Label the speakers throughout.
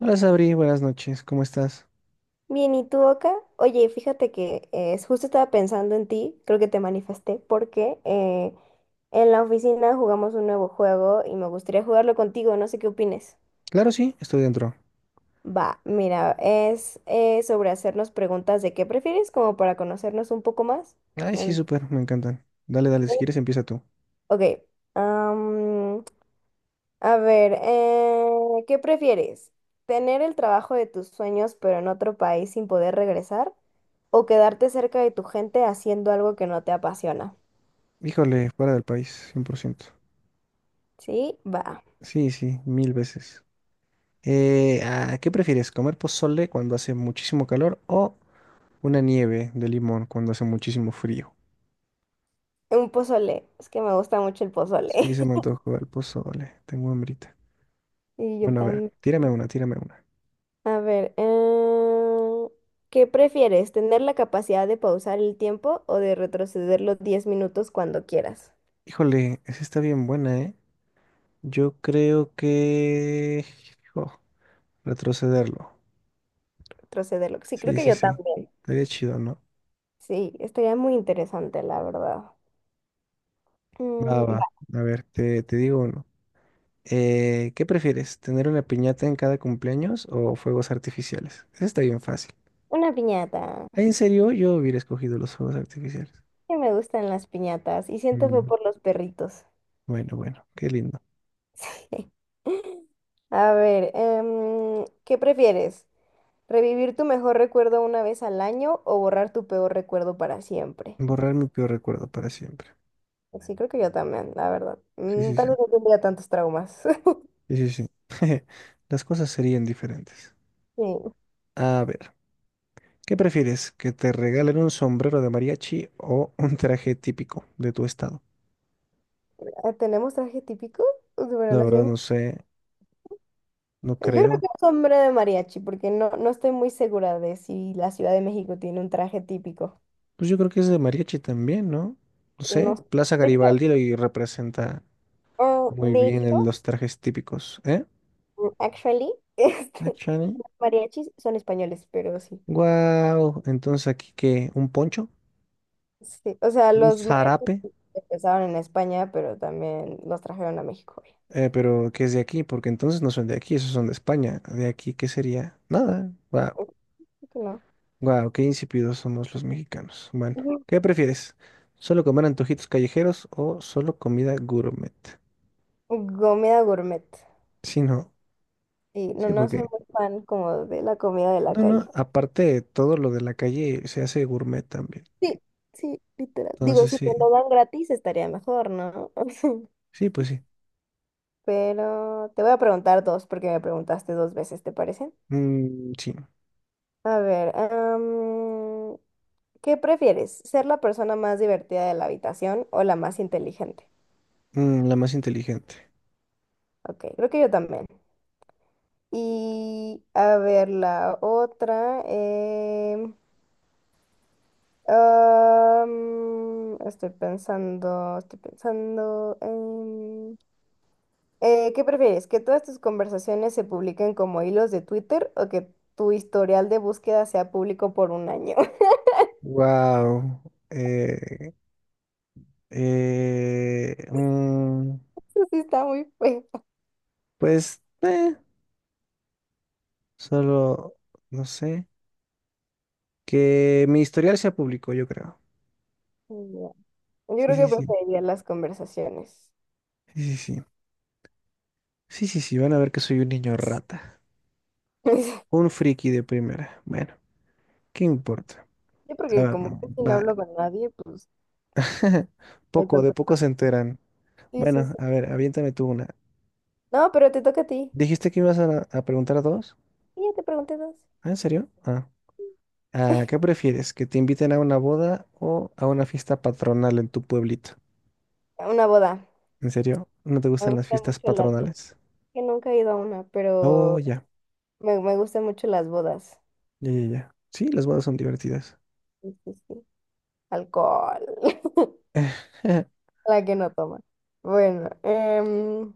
Speaker 1: Hola, Sabri, buenas noches, ¿cómo estás?
Speaker 2: Bien, ¿y tú, Oka? Oye, fíjate que justo estaba pensando en ti, creo que te manifesté, porque en la oficina jugamos un nuevo juego y me gustaría jugarlo contigo, no sé qué opines.
Speaker 1: Claro, sí, estoy dentro.
Speaker 2: Va, mira, es sobre hacernos preguntas de qué prefieres, como para conocernos un poco más.
Speaker 1: Ay, sí,
Speaker 2: Entonces,
Speaker 1: súper, me encantan. Dale, dale, si quieres empieza tú.
Speaker 2: ok. A ver, ¿qué prefieres? ¿Tener el trabajo de tus sueños pero en otro país sin poder regresar? ¿O quedarte cerca de tu gente haciendo algo que no te apasiona?
Speaker 1: Híjole, fuera del país, 100%.
Speaker 2: Sí, va.
Speaker 1: Sí, sí, mil veces. ¿Qué prefieres, comer pozole cuando hace muchísimo calor o una nieve de limón cuando hace muchísimo frío?
Speaker 2: Un pozole. Es que me gusta mucho el
Speaker 1: Sí,
Speaker 2: pozole.
Speaker 1: se me antojó el pozole, tengo hambrita.
Speaker 2: Y yo
Speaker 1: Bueno, a ver,
Speaker 2: también.
Speaker 1: tírame una, tírame una.
Speaker 2: A ver, ¿qué prefieres? ¿Tener la capacidad de pausar el tiempo o de retrocederlo 10 minutos cuando quieras?
Speaker 1: Híjole, esa está bien buena, ¿eh? Yo creo que, jo, retrocederlo.
Speaker 2: Retrocederlo. Sí, creo
Speaker 1: Sí,
Speaker 2: que
Speaker 1: sí,
Speaker 2: yo
Speaker 1: sí.
Speaker 2: también.
Speaker 1: Estaría chido, ¿no?
Speaker 2: Sí, estaría muy interesante, la verdad.
Speaker 1: Va,
Speaker 2: Mm.
Speaker 1: va. A ver, te digo uno. ¿Qué prefieres? ¿Tener una piñata en cada cumpleaños o fuegos artificiales? Eso está bien fácil.
Speaker 2: Una piñata.
Speaker 1: Ay, en serio, yo hubiera escogido los fuegos artificiales.
Speaker 2: Que me gustan las piñatas. Y siento fue
Speaker 1: Mm.
Speaker 2: por los perritos.
Speaker 1: Bueno, bueno, qué lindo.
Speaker 2: A ver, ¿qué prefieres? ¿Revivir tu mejor recuerdo una vez al año o borrar tu peor recuerdo para siempre?
Speaker 1: Borrar mi peor recuerdo para siempre.
Speaker 2: Pues sí, creo que yo también, la verdad.
Speaker 1: Sí, sí, sí.
Speaker 2: Tal vez no tendría tantos traumas.
Speaker 1: Sí, sí, sí. Las cosas serían diferentes.
Speaker 2: Sí.
Speaker 1: A ver, ¿qué prefieres? ¿Que te regalen un sombrero de mariachi o un traje típico de tu estado?
Speaker 2: Ah, ¿tenemos traje típico? Bueno,
Speaker 1: La
Speaker 2: la ciudad
Speaker 1: verdad
Speaker 2: de-
Speaker 1: no sé, no
Speaker 2: Yo creo que
Speaker 1: creo.
Speaker 2: es hombre de mariachi, porque no, no estoy muy segura de si la Ciudad de México tiene un traje típico.
Speaker 1: Pues yo creo que es de mariachi también, ¿no? No
Speaker 2: No
Speaker 1: sé,
Speaker 2: sé.
Speaker 1: Plaza
Speaker 2: De hecho,
Speaker 1: Garibaldi y representa
Speaker 2: ah,
Speaker 1: muy
Speaker 2: de
Speaker 1: bien
Speaker 2: hecho,
Speaker 1: los trajes típicos, ¿eh?
Speaker 2: Actually,
Speaker 1: Ah, Chani.
Speaker 2: mariachis son españoles, pero sí.
Speaker 1: Guau, entonces aquí qué, un poncho,
Speaker 2: Sí, o sea,
Speaker 1: un
Speaker 2: los mariachis
Speaker 1: zarape,
Speaker 2: empezaron en España, pero también los trajeron a México, güey.
Speaker 1: pero que es de aquí, porque entonces no son de aquí, esos son de España. De aquí, ¿qué sería? Nada. Guau,
Speaker 2: Así que no.
Speaker 1: guau, qué insípidos somos los mexicanos. Bueno,
Speaker 2: Ujú.
Speaker 1: ¿qué prefieres? ¿Solo comer antojitos callejeros o solo comida gourmet?
Speaker 2: Comida gourmet.
Speaker 1: Sí, no.
Speaker 2: Y no,
Speaker 1: Sí,
Speaker 2: no soy
Speaker 1: porque
Speaker 2: muy fan como de la comida de la
Speaker 1: no, no,
Speaker 2: calle.
Speaker 1: aparte todo lo de la calle se hace gourmet también.
Speaker 2: Sí, sí, literal. Digo,
Speaker 1: Entonces
Speaker 2: si
Speaker 1: sí,
Speaker 2: me lo dan gratis estaría mejor, ¿no?
Speaker 1: sí, pues sí.
Speaker 2: Pero te voy a preguntar dos porque me preguntaste dos veces, ¿te parece?
Speaker 1: Mm, sí.
Speaker 2: A ver, ¿qué prefieres? ¿Ser la persona más divertida de la habitación o la más inteligente?
Speaker 1: Mm, la más inteligente.
Speaker 2: Ok, creo que yo también. Y a ver la otra. Estoy pensando, estoy pensando. ¿Qué prefieres? ¿Que todas tus conversaciones se publiquen como hilos de Twitter o que tu historial de búsqueda sea público por un año?
Speaker 1: Wow. Eh, eh, mm,
Speaker 2: Eso sí está muy feo.
Speaker 1: pues, solo, no sé, que mi historial sea público, yo creo.
Speaker 2: Ya. Yo
Speaker 1: Sí,
Speaker 2: creo
Speaker 1: sí,
Speaker 2: que
Speaker 1: sí,
Speaker 2: preferiría las conversaciones.
Speaker 1: sí, sí, sí. Sí, sí, sí, van a ver que soy un niño rata. Un friki de primera. Bueno, ¿qué importa?
Speaker 2: Yo
Speaker 1: A
Speaker 2: porque
Speaker 1: ver,
Speaker 2: como casi no
Speaker 1: va.
Speaker 2: hablo con nadie, pues no hay
Speaker 1: Poco, de
Speaker 2: tanto
Speaker 1: poco
Speaker 2: problema.
Speaker 1: se enteran.
Speaker 2: Sí, sí,
Speaker 1: Bueno,
Speaker 2: sí.
Speaker 1: a ver, aviéntame tú una.
Speaker 2: No, pero te toca a ti.
Speaker 1: Dijiste que ibas a preguntar dos.
Speaker 2: Y ya te pregunté dos.
Speaker 1: ¿Ah, en serio? Ah. Ah, ¿qué prefieres? ¿Que te inviten a una boda o a una fiesta patronal en tu pueblito?
Speaker 2: Una boda.
Speaker 1: ¿En serio? ¿No te
Speaker 2: Me
Speaker 1: gustan las
Speaker 2: gustan
Speaker 1: fiestas
Speaker 2: mucho las bodas.
Speaker 1: patronales?
Speaker 2: Que nunca he ido a una,
Speaker 1: Oh,
Speaker 2: pero
Speaker 1: ya,
Speaker 2: me gustan mucho las bodas.
Speaker 1: ya, ya, ya. Sí, las bodas son divertidas.
Speaker 2: Sí, sí, sí. Alcohol. La que no toma. Bueno,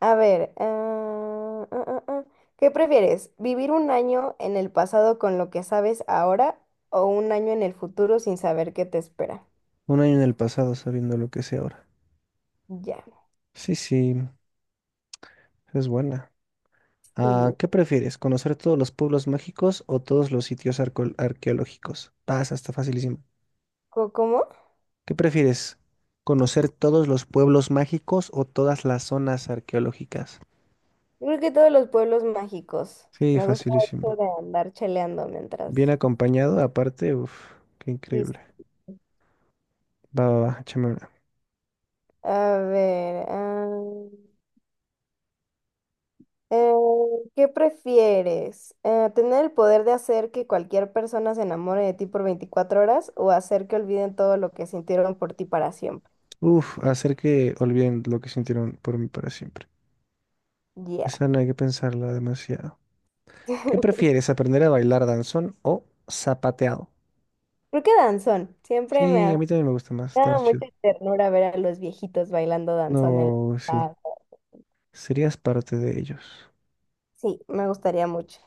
Speaker 2: a ver. Ah. ¿Qué prefieres? ¿Vivir un año en el pasado con lo que sabes ahora o un año en el futuro sin saber qué te espera?
Speaker 1: Un año en el pasado sabiendo lo que sé ahora.
Speaker 2: Ya.
Speaker 1: Sí, sí, es buena. Ah,
Speaker 2: ¿Y
Speaker 1: ¿qué prefieres? ¿Conocer todos los pueblos mágicos o todos los sitios arqueológicos? Pasa, está facilísimo.
Speaker 2: cómo?
Speaker 1: ¿Qué prefieres? ¿Conocer todos los pueblos mágicos o todas las zonas arqueológicas?
Speaker 2: Yo creo que todos los pueblos mágicos.
Speaker 1: Sí,
Speaker 2: Me gusta eso
Speaker 1: facilísimo.
Speaker 2: de andar cheleando
Speaker 1: Bien
Speaker 2: mientras.
Speaker 1: acompañado, aparte, uff, qué
Speaker 2: Y
Speaker 1: increíble. Va, va, va, échame una.
Speaker 2: a ver, eh, ¿qué prefieres? ¿Tener el poder de hacer que cualquier persona se enamore de ti por 24 horas o hacer que olviden todo lo que sintieron por ti para siempre?
Speaker 1: Uf, hacer que olviden lo que sintieron por mí para siempre.
Speaker 2: Ya.
Speaker 1: Esa no hay que pensarla demasiado. ¿Qué prefieres, aprender a bailar danzón o zapateado?
Speaker 2: Creo que danzón. Siempre me
Speaker 1: Sí,
Speaker 2: ha
Speaker 1: a mí también me gusta más, está
Speaker 2: dado
Speaker 1: más chido.
Speaker 2: mucha ternura ver a los viejitos bailando danzón en la
Speaker 1: No, sí,
Speaker 2: plaza.
Speaker 1: serías parte de ellos.
Speaker 2: Sí, me gustaría mucho.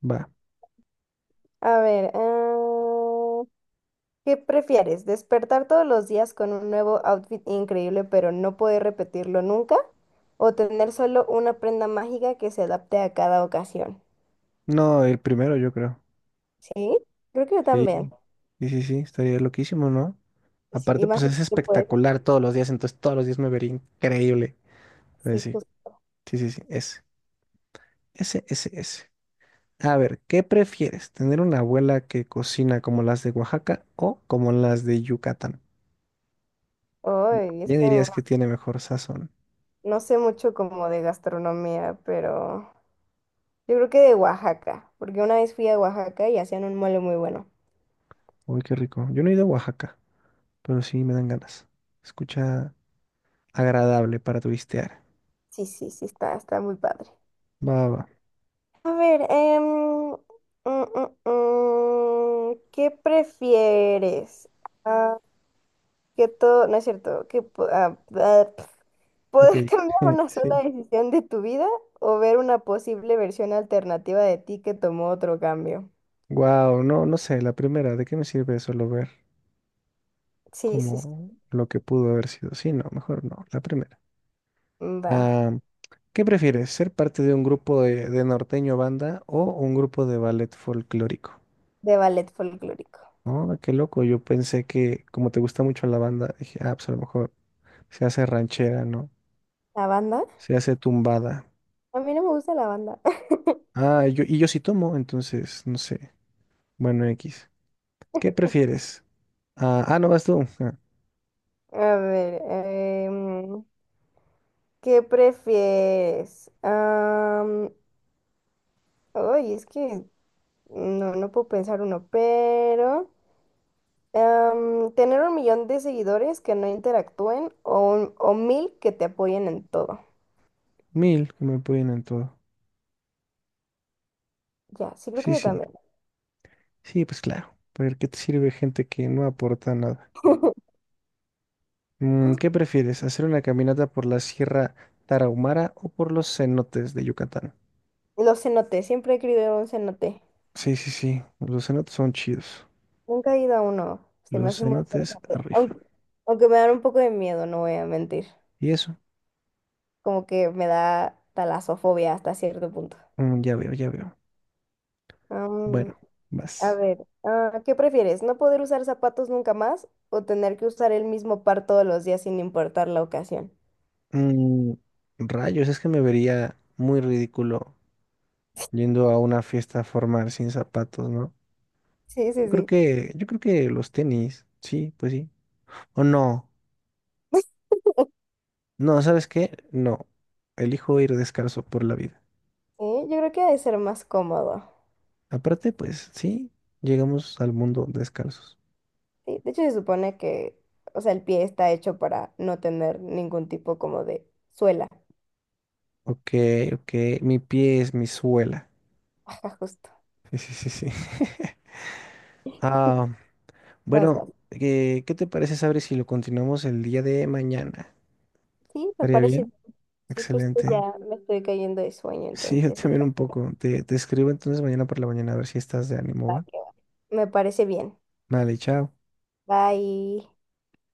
Speaker 1: Va.
Speaker 2: A ver, ¿Qué prefieres? ¿Despertar todos los días con un nuevo outfit increíble pero no poder repetirlo nunca? ¿O tener solo una prenda mágica que se adapte a cada ocasión?
Speaker 1: No, el primero yo creo.
Speaker 2: Sí, creo que yo
Speaker 1: Sí,
Speaker 2: también.
Speaker 1: sí, sí, sí, estaría loquísimo, ¿no?
Speaker 2: Sí, y
Speaker 1: Aparte,
Speaker 2: más
Speaker 1: pues
Speaker 2: si
Speaker 1: es
Speaker 2: tú puedes.
Speaker 1: espectacular todos los días, entonces todos los días me vería increíble. Entonces,
Speaker 2: Sí, justo.
Speaker 1: sí, sí, sí, sí, ese, ese, ese, ese. A ver, ¿qué prefieres? ¿Tener una abuela que cocina como las de Oaxaca o como las de Yucatán?
Speaker 2: Ay, es
Speaker 1: ¿Quién
Speaker 2: que
Speaker 1: dirías que tiene mejor sazón?
Speaker 2: no sé mucho como de gastronomía, pero yo creo que de Oaxaca, porque una vez fui a Oaxaca y hacían un mole muy bueno.
Speaker 1: Uy, qué rico. Yo no he ido a Oaxaca, pero sí me dan ganas. Escucha agradable para turistear.
Speaker 2: Sí, sí, sí, está, está muy padre.
Speaker 1: Va, va, va.
Speaker 2: A ver, mm, ¿qué prefieres? Ah, que todo, no es cierto, que
Speaker 1: Ok.
Speaker 2: poder cambiar una sola
Speaker 1: Sí.
Speaker 2: decisión de tu vida o ver una posible versión alternativa de ti que tomó otro cambio.
Speaker 1: Wow, no, no sé, la primera, ¿de qué me sirve solo ver
Speaker 2: Sí, sí, sí.
Speaker 1: como lo que pudo haber sido? Sí, no, mejor no, la primera.
Speaker 2: Va.
Speaker 1: Ah, ¿qué prefieres, ser parte de un grupo de norteño banda o un grupo de ballet folclórico?
Speaker 2: De ballet folclórico.
Speaker 1: Oh, qué loco, yo pensé que como te gusta mucho la banda, dije, ah, pues a lo mejor se hace ranchera, ¿no?
Speaker 2: ¿La banda?
Speaker 1: Se hace tumbada.
Speaker 2: A mí no me gusta la banda.
Speaker 1: Ah, yo, y yo sí tomo, entonces, no sé. Bueno, X. ¿Qué prefieres? Ah, ah, no vas tú. Ah,
Speaker 2: A ver, em, ¿qué prefieres? Ay, es que no, no puedo pensar uno, pero tener 1 millón de seguidores que no interactúen o, o 1.000 que te apoyen en todo.
Speaker 1: mil, que me pueden en todo.
Speaker 2: Ya, sí creo que
Speaker 1: Sí,
Speaker 2: yo
Speaker 1: sí.
Speaker 2: también.
Speaker 1: Sí, pues claro. ¿Porque qué te sirve gente que no aporta nada? Mm, ¿qué prefieres, hacer una caminata por la Sierra Tarahumara o por los cenotes de Yucatán?
Speaker 2: Los cenotes, siempre he querido ir a un cenote.
Speaker 1: Sí, sí, sí, los cenotes son chidos.
Speaker 2: Nunca he ido a uno. Se me
Speaker 1: Los
Speaker 2: hace muy
Speaker 1: cenotes
Speaker 2: interesante.
Speaker 1: rifan.
Speaker 2: Aunque, me dan un poco de miedo, no voy a mentir.
Speaker 1: ¿Y eso?
Speaker 2: Como que me da talasofobia hasta cierto punto.
Speaker 1: Mm, ya veo, ya veo. Bueno,
Speaker 2: A
Speaker 1: vas.
Speaker 2: ver, ¿qué prefieres? ¿No poder usar zapatos nunca más o tener que usar el mismo par todos los días sin importar la ocasión?
Speaker 1: Mm, rayos, es que me vería muy ridículo yendo a una fiesta formal sin zapatos, ¿no?
Speaker 2: Sí, sí, sí.
Speaker 1: Yo creo que los tenis, sí, pues sí. O no, no, ¿sabes qué? No, elijo ir descalzo por la vida.
Speaker 2: Sí, yo creo que ha de ser más cómodo.
Speaker 1: Aparte, pues sí, llegamos al mundo descalzos.
Speaker 2: Sí, de hecho, se supone que, o sea, el pie está hecho para no tener ningún tipo como de suela.
Speaker 1: Ok, ok, mi pie es mi suela.
Speaker 2: Ajá, justo.
Speaker 1: Sí, sí, sí, sí. Ah,
Speaker 2: Vas,
Speaker 1: bueno,
Speaker 2: vas.
Speaker 1: ¿qué te parece, Sabri, si lo continuamos el día de mañana?
Speaker 2: Sí, me
Speaker 1: ¿Estaría
Speaker 2: parece.
Speaker 1: bien?
Speaker 2: Sí, justo
Speaker 1: Excelente.
Speaker 2: ya me estoy cayendo de sueño,
Speaker 1: Sí, yo
Speaker 2: entonces.
Speaker 1: también un poco. Te escribo entonces mañana por la mañana a ver si estás de ánimo,
Speaker 2: Va
Speaker 1: ¿va?
Speaker 2: que va. Me parece bien.
Speaker 1: Vale, chao.
Speaker 2: Bye.